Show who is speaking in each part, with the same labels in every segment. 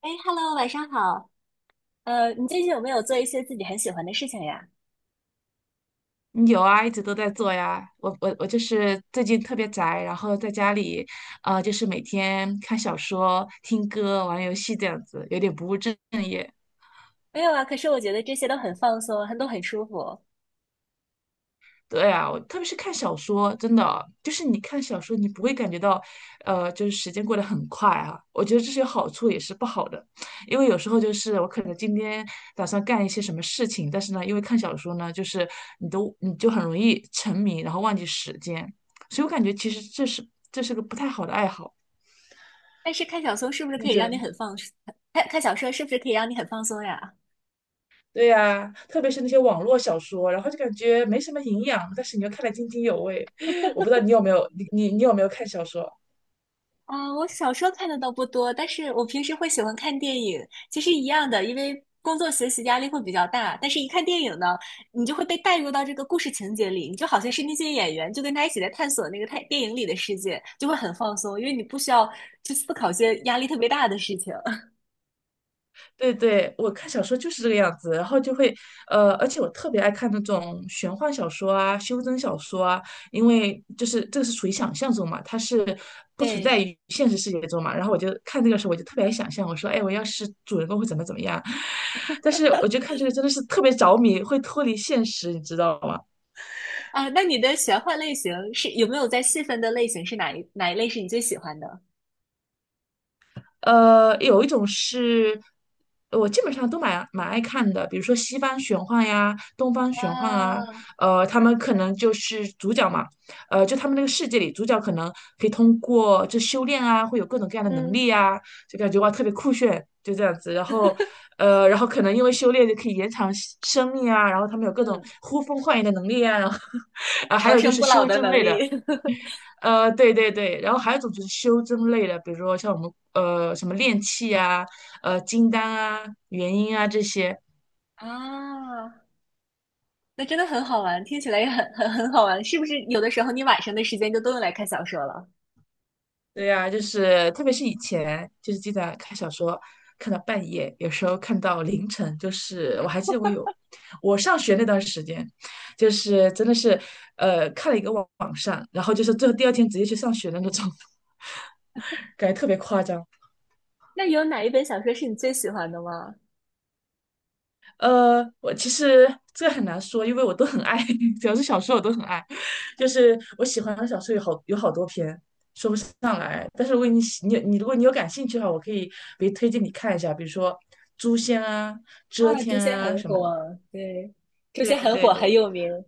Speaker 1: 哎，Hello，晚上好。你最近有没有做一些自己很喜欢的事情呀？
Speaker 2: 有啊，一直都在做呀。我就是最近特别宅，然后在家里，就是每天看小说、听歌、玩游戏这样子，有点不务正。
Speaker 1: 没有啊，可是我觉得这些都很放松，都很舒服。
Speaker 2: 对啊，我特别是看小说，真的就是你看小说，你不会感觉到，就是时间过得很快啊。我觉得这是有好处，也是不好的，因为有时候就是我可能今天打算干一些什么事情，但是呢，因为看小说呢，就是你就很容易沉迷，然后忘记时间，所以我感觉其实这是个不太好的爱好。
Speaker 1: 但是看小说是不是
Speaker 2: 你
Speaker 1: 可以
Speaker 2: 觉
Speaker 1: 让
Speaker 2: 得
Speaker 1: 你
Speaker 2: 呢？
Speaker 1: 很放松？看小说是不是可以让你很放松呀？
Speaker 2: 对呀、特别是那些网络小说，然后就感觉没什么营养，但是你又看得津津有味。我不知道你有没有，你有没有看小说？
Speaker 1: 啊、我小说看的倒不多，但是我平时会喜欢看电影，其实一样的，因为工作学习压力会比较大，但是一看电影呢，你就会被带入到这个故事情节里，你就好像是那些演员，就跟他一起在探索那个太电影里的世界，就会很放松，因为你不需要去思考一些压力特别大的事情。
Speaker 2: 对对，我看小说就是这个样子，然后就会，而且我特别爱看那种玄幻小说啊、修真小说啊，因为就是这个是属于想象中嘛，它是不存在
Speaker 1: 对
Speaker 2: 于现实世界中嘛。然后我就看这个时候，我就特别爱想象，我说，哎，我要是主人公会怎么怎么样。但是我觉得看这个真的是特别着迷，会脱离现实，你知道吗？
Speaker 1: 啊，那你的玄幻类型是有没有在细分的类型是哪一类是你最喜欢的？
Speaker 2: 有一种是我基本上都蛮爱看的，比如说西方玄幻呀、东方玄幻啊，
Speaker 1: 哇。
Speaker 2: 他们可能就是主角嘛，就他们那个世界里，主角可能可以通过这修炼啊，会有各种各样的能
Speaker 1: 嗯。
Speaker 2: 力啊，就感觉哇特别酷炫，就这样子。然后，然后可能因为修炼就可以延长生命啊，然后他们有各种
Speaker 1: 嗯。
Speaker 2: 呼风唤雨的能力啊，然后，啊，还
Speaker 1: 长
Speaker 2: 有就
Speaker 1: 生
Speaker 2: 是
Speaker 1: 不老
Speaker 2: 修
Speaker 1: 的
Speaker 2: 真
Speaker 1: 能
Speaker 2: 类的。
Speaker 1: 力。
Speaker 2: 对对对，然后还有一种就是修真类的，比如说像我们什么炼气啊、金丹啊、元婴啊这些。
Speaker 1: 啊，那真的很好玩，听起来也很好玩，是不是？有的时候你晚上的时间就都用来看小说了。
Speaker 2: 对呀、就是特别是以前，就是经常看小说，看到半夜，有时候看到凌晨，就是我还记得我上学那段时间，就是真的是看了一个网上，然后就是最后第二天直接去上学的那种，感觉特别夸张。
Speaker 1: 那有哪一本小说是你最喜欢的吗？
Speaker 2: 我其实这个很难说，因为我都很爱，只要是小说我都很爱。就是我喜欢的小说有好多篇，说不上来。但是如果你喜你你如果你有感兴趣的话，我可以比如推荐你看一下，比如说《诛仙》啊、《遮
Speaker 1: 啊，诛
Speaker 2: 天》
Speaker 1: 仙
Speaker 2: 啊
Speaker 1: 很
Speaker 2: 什么的。
Speaker 1: 火，对，诛
Speaker 2: 对
Speaker 1: 仙很
Speaker 2: 对
Speaker 1: 火，很
Speaker 2: 对，
Speaker 1: 有名。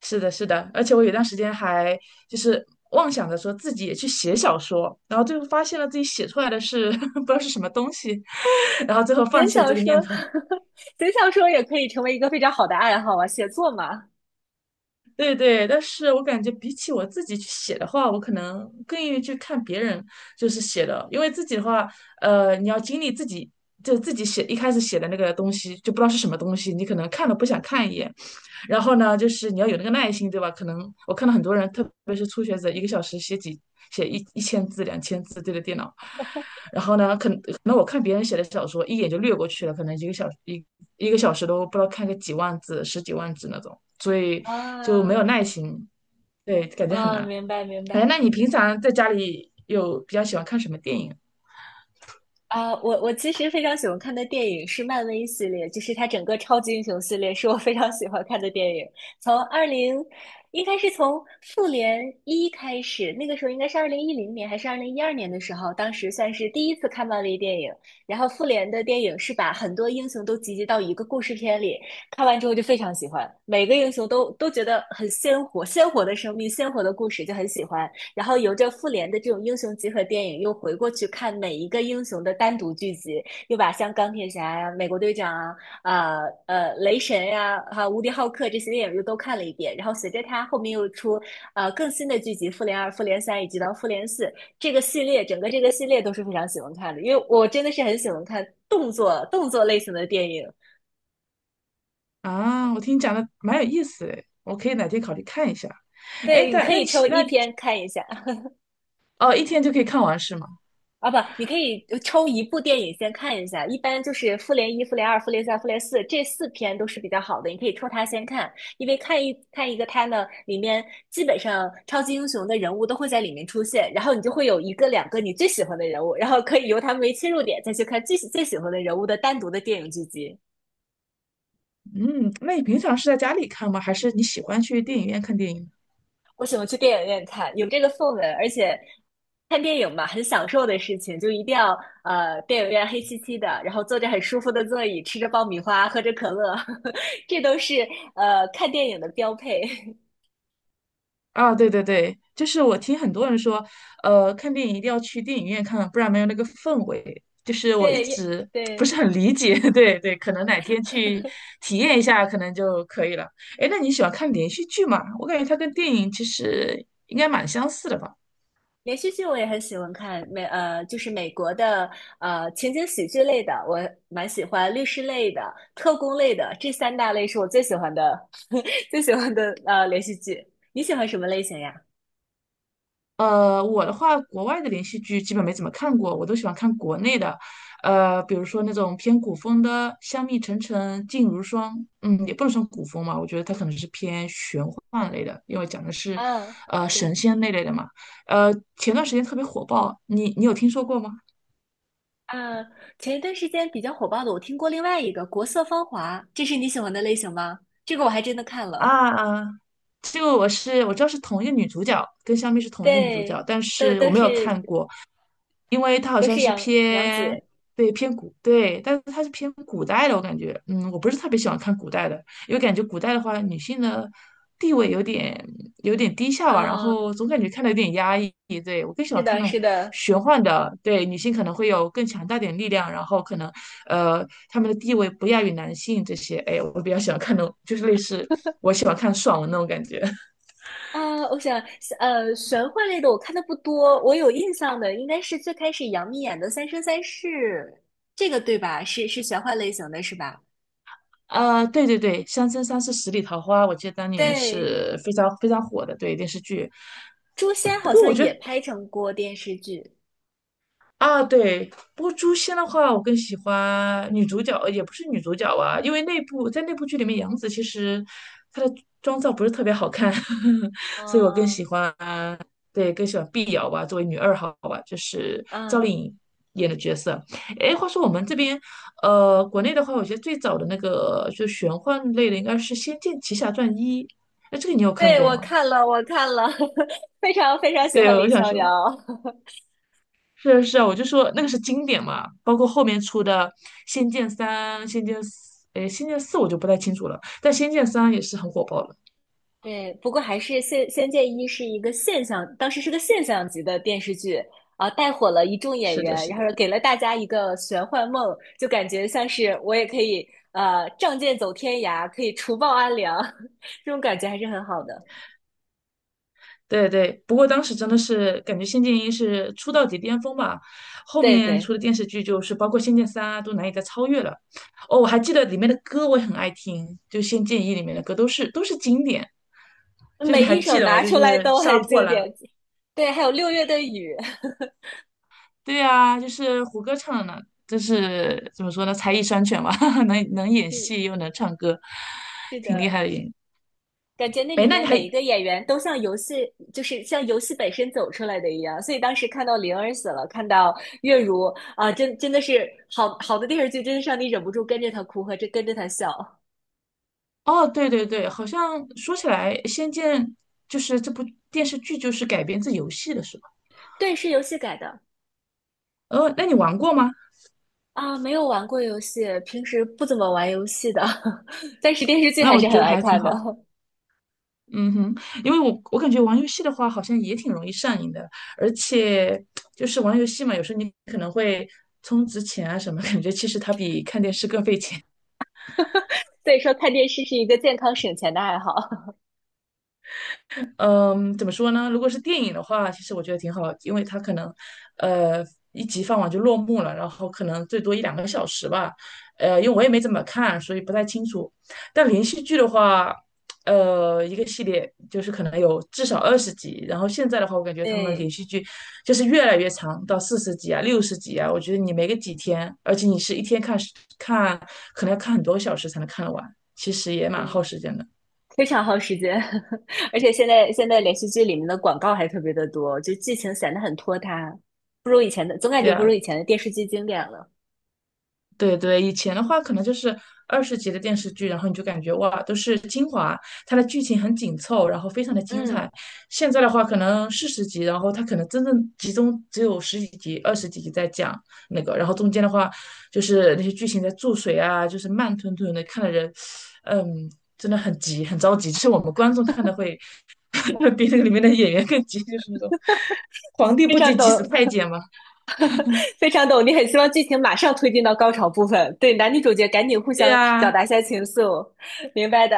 Speaker 2: 是的，是的。而且我有段时间还就是妄想着说自己也去写小说，然后最后发现了自己写出来的是 不知道是什么东西，然后最后放
Speaker 1: 写
Speaker 2: 弃了
Speaker 1: 小
Speaker 2: 这个念
Speaker 1: 说，
Speaker 2: 头。
Speaker 1: 写小说也可以成为一个非常好的爱好啊，写作嘛。
Speaker 2: 对对，但是我感觉比起我自己去写的话，我可能更愿意去看别人就是写的，因为自己的话，你要经历自己就自己写一开始写的那个东西，就不知道是什么东西，你可能看了不想看一眼，然后呢，就是你要有那个耐心，对吧？可能我看到很多人，特别是初学者，一个小时写一千字、2000字对着电脑。然后呢，可能我看别人写的小说，一眼就略过去了，可能一个小时都不知道看个几万字、十几万字那种，所以就没有
Speaker 1: 啊，
Speaker 2: 耐心，对，感觉很
Speaker 1: 啊。
Speaker 2: 难。
Speaker 1: 明白明
Speaker 2: 哎，那
Speaker 1: 白。
Speaker 2: 你平常在家里有比较喜欢看什么电影
Speaker 1: 啊，我其实非常喜欢看的电影是漫威系列，就是它整个超级英雄系列是我非常喜欢看的电影。从二零，应该是从复联一开始，那个时候应该是2010年还是2012年的时候，当时算是第一次看漫威电影。然后复联的电影是把很多英雄都集结到一个故事片里，看完之后就非常喜欢，每个英雄都觉得很鲜活，鲜活的生命，鲜活的故事就很喜欢。然后由着复联的这种英雄集合电影，又回过去看每一个英雄的单独剧集，又把像钢铁侠呀、美国队长啊、雷神呀、哈、无敌浩克这些电影又都看了一遍。然后随着他后面又出更新的剧集《复联二》《复联三》以及到《复联四》这个系列，整个这个系列都是非常喜欢看的，因为我真的是很喜欢看动作类型的电影。
Speaker 2: 啊？我听你讲的蛮有意思的，我可以哪天考虑看一下。哎，
Speaker 1: 对，你
Speaker 2: 但
Speaker 1: 可
Speaker 2: 那
Speaker 1: 以
Speaker 2: 你
Speaker 1: 抽
Speaker 2: 那
Speaker 1: 一篇看一下。
Speaker 2: 哦，一天就可以看完是吗？
Speaker 1: 啊不，你可以抽一部电影先看一下，一般就是《复联一》《复联二》《复联三》《复联四》这四篇都是比较好的，你可以抽它先看，因为看一个它呢，里面基本上超级英雄的人物都会在里面出现，然后你就会有一个两个你最喜欢的人物，然后可以由他们为切入点再去看最喜欢的人物的单独的电影剧集。
Speaker 2: 嗯，那你平常是在家里看吗？还是你喜欢去电影院看电影？
Speaker 1: 我喜欢去电影院看，有这个氛围，而且看电影嘛，很享受的事情，就一定要电影院黑漆漆的，然后坐着很舒服的座椅，吃着爆米花，喝着可乐，这都是看电影的标配。
Speaker 2: 啊，对对对，就是我听很多人说，看电影一定要去电影院看，不然没有那个氛围。就是我一
Speaker 1: 对，也
Speaker 2: 直不是
Speaker 1: 对，
Speaker 2: 很理解，对对，可能哪天去体验一下，可能就可以了。哎，那你喜欢看连续剧吗？我感觉它跟电影其实应该蛮相似的吧。
Speaker 1: 连续剧我也很喜欢看，就是美国的情景喜剧类的，我蛮喜欢，律师类的、特工类的，这三大类是我最喜欢的 最喜欢的连续剧。你喜欢什么类型呀？
Speaker 2: 我的话，国外的连续剧基本没怎么看过，我都喜欢看国内的，比如说那种偏古风的《香蜜沉沉烬如霜》，嗯，也不能算古风嘛，我觉得它可能是偏玄幻类的，因为讲的是，
Speaker 1: 嗯。
Speaker 2: 神
Speaker 1: 对。
Speaker 2: 仙那类的嘛。前段时间特别火爆，你有听说过吗？
Speaker 1: 啊，前一段时间比较火爆的，我听过另外一个《国色芳华》，这是你喜欢的类型吗？这个我还真的看了。
Speaker 2: 啊，这个我知道是同一个女主角，跟香蜜是同一个女主角，
Speaker 1: 对，
Speaker 2: 但
Speaker 1: 都
Speaker 2: 是我
Speaker 1: 都
Speaker 2: 没有看
Speaker 1: 是
Speaker 2: 过，因为它好
Speaker 1: 都
Speaker 2: 像
Speaker 1: 是
Speaker 2: 是
Speaker 1: 杨杨
Speaker 2: 偏
Speaker 1: 紫。
Speaker 2: 对偏古对，但是它是偏古代的，我感觉，嗯，我不是特别喜欢看古代的，因为感觉古代的话，女性的地位有点低下吧，然
Speaker 1: 啊，
Speaker 2: 后总感觉看的有点压抑。对，我更喜
Speaker 1: 是
Speaker 2: 欢看
Speaker 1: 的，
Speaker 2: 那种
Speaker 1: 是的。
Speaker 2: 玄幻的，对，女性可能会有更强大点力量，然后可能她们的地位不亚于男性这些。哎，我比较喜欢看那种，就是类似我喜欢看爽文那种感觉。
Speaker 1: 啊，我想，玄幻类的我看的不多，我有印象的应该是最开始杨幂演的《三生三世》。这个对吧？是玄幻类型的，是吧？
Speaker 2: 啊，对对对，《三生三世十里桃花》，我记得当年
Speaker 1: 对，
Speaker 2: 是非常非常火的，对电视剧。
Speaker 1: 《诛仙》
Speaker 2: 不
Speaker 1: 好
Speaker 2: 过
Speaker 1: 像
Speaker 2: 我觉
Speaker 1: 也
Speaker 2: 得。
Speaker 1: 拍成过电视剧。
Speaker 2: 啊，对，不过诛仙的话，我更喜欢女主角，也不是女主角啊，因为那部在那部剧里面，杨紫其实她的妆造不是特别好看，所以我更喜
Speaker 1: 嗯。
Speaker 2: 欢，对，更喜欢碧瑶吧，作为女二号吧，就是赵丽颖演的角色。哎，话说我们这边，国内的话，我觉得最早的那个就玄幻类的应该是《仙剑奇侠传一》，那这个你有 看
Speaker 1: 对，
Speaker 2: 过
Speaker 1: 我
Speaker 2: 吗？
Speaker 1: 看了，我看了，非常非常喜欢
Speaker 2: 对，我
Speaker 1: 李
Speaker 2: 想
Speaker 1: 逍遥。
Speaker 2: 说。是啊是啊，我就说那个是经典嘛，包括后面出的《仙剑三》《仙剑四》，哎，《仙剑四》我就不太清楚了，但《仙剑三》也是很火爆了。
Speaker 1: 对，不过还是《仙剑一》是一个现象，当时是个现象级的电视剧啊，带火了一众演
Speaker 2: 是的，
Speaker 1: 员，
Speaker 2: 是
Speaker 1: 然
Speaker 2: 的，
Speaker 1: 后给了大家一个玄幻梦，就感觉像是我也可以仗剑走天涯，可以除暴安良，这种感觉还是很好的。
Speaker 2: 对对。不过当时真的是感觉《仙剑一》是出道即巅峰吧，后
Speaker 1: 对
Speaker 2: 面
Speaker 1: 对，
Speaker 2: 出的电视剧就是包括《仙剑三》啊，都难以再超越了。哦，我还记得里面的歌我也很爱听，就《仙剑一》里面的歌都是经典。就是你
Speaker 1: 每
Speaker 2: 还
Speaker 1: 一
Speaker 2: 记
Speaker 1: 首
Speaker 2: 得吗？
Speaker 1: 拿
Speaker 2: 就
Speaker 1: 出
Speaker 2: 是
Speaker 1: 来都
Speaker 2: 《杀
Speaker 1: 很
Speaker 2: 破
Speaker 1: 经
Speaker 2: 狼》。
Speaker 1: 典。对，还有六月的雨，
Speaker 2: 对啊，就是胡歌唱的呢，就是怎么说呢，才艺双全吧，能 演
Speaker 1: 是
Speaker 2: 戏又能唱歌，
Speaker 1: 是
Speaker 2: 挺厉
Speaker 1: 的。
Speaker 2: 害的演。
Speaker 1: 感觉那
Speaker 2: 哎，
Speaker 1: 里
Speaker 2: 那
Speaker 1: 面
Speaker 2: 你还
Speaker 1: 每一个演员都像游戏，就是像游戏本身走出来的一样。所以当时看到灵儿死了，看到月如啊，真的是好电视剧，真是让你忍不住跟着他哭和这跟着他笑。
Speaker 2: 哦，对对对，好像说起来，《仙剑》就是这部电视剧就是改编自游戏的是吧？
Speaker 1: 对，是游戏改的
Speaker 2: 哦，那你玩过吗？
Speaker 1: 啊，没有玩过游戏，平时不怎么玩游戏的，但是电视剧
Speaker 2: 那
Speaker 1: 还
Speaker 2: 我
Speaker 1: 是
Speaker 2: 觉
Speaker 1: 很
Speaker 2: 得
Speaker 1: 爱
Speaker 2: 还挺
Speaker 1: 看的。
Speaker 2: 好。嗯哼，因为我感觉玩游戏的话，好像也挺容易上瘾的，而且就是玩游戏嘛，有时候你可能会充值钱啊什么，感觉其实它比看电视更费钱。
Speaker 1: 所以说，看电视是一个健康省钱的爱好。
Speaker 2: 嗯，怎么说呢？如果是电影的话，其实我觉得挺好，因为它可能，呃，一集放完就落幕了，然后可能最多一两个小时吧。因为我也没怎么看，所以不太清楚。但连续剧的话，一个系列就是可能有至少二十集，然后现在的话，我感 觉他们连
Speaker 1: 对。
Speaker 2: 续剧就是越来越长，到四十集啊、60集啊，我觉得你没个几天，而且你是一天看，可能要看很多小时才能看得完，其实也蛮耗
Speaker 1: 嗯。
Speaker 2: 时间的。
Speaker 1: 非常耗时间，而且现在连续剧里面的广告还特别的多，就剧情显得很拖沓，不如以前的，总感
Speaker 2: 对
Speaker 1: 觉不如
Speaker 2: 啊，
Speaker 1: 以前的电视剧经典了。
Speaker 2: 对对，以前的话可能就是二十集的电视剧，然后你就感觉哇，都是精华，它的剧情很紧凑，然后非常的精
Speaker 1: 嗯，
Speaker 2: 彩。现在的话可能四十集，然后它可能真正集中只有十几集、二十几集在讲那个，然后中间的话就是那些剧情在注水啊，就是慢吞吞的，看的人，嗯，真的很急，很着急。就是我们观众看的会 比那个里面的演员更急，就是那种皇帝
Speaker 1: 非
Speaker 2: 不
Speaker 1: 常
Speaker 2: 急
Speaker 1: 懂，
Speaker 2: 急死太监嘛。
Speaker 1: 非常懂，你很希望剧情马上推进到高潮部分，对男女主角赶紧互
Speaker 2: 对
Speaker 1: 相表
Speaker 2: 呀、
Speaker 1: 达一下情愫，明白的。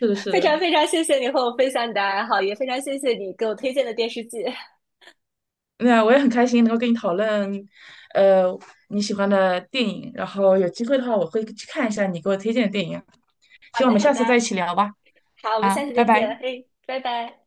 Speaker 2: 是的，是
Speaker 1: 非常
Speaker 2: 的。
Speaker 1: 非常谢谢你和我分享你的爱好，也非常谢谢你给我推荐的电视剧。
Speaker 2: 那我也很开心能够跟你讨论，呃，你喜欢的电影。然后有机会的话，我会去看一下你给我推荐的电影。
Speaker 1: 好
Speaker 2: 希望我
Speaker 1: 的，
Speaker 2: 们
Speaker 1: 好
Speaker 2: 下
Speaker 1: 的，
Speaker 2: 次再一起聊吧。
Speaker 1: 好，我们
Speaker 2: 啊，
Speaker 1: 下次
Speaker 2: 拜
Speaker 1: 再见，
Speaker 2: 拜。
Speaker 1: 嘿，拜拜。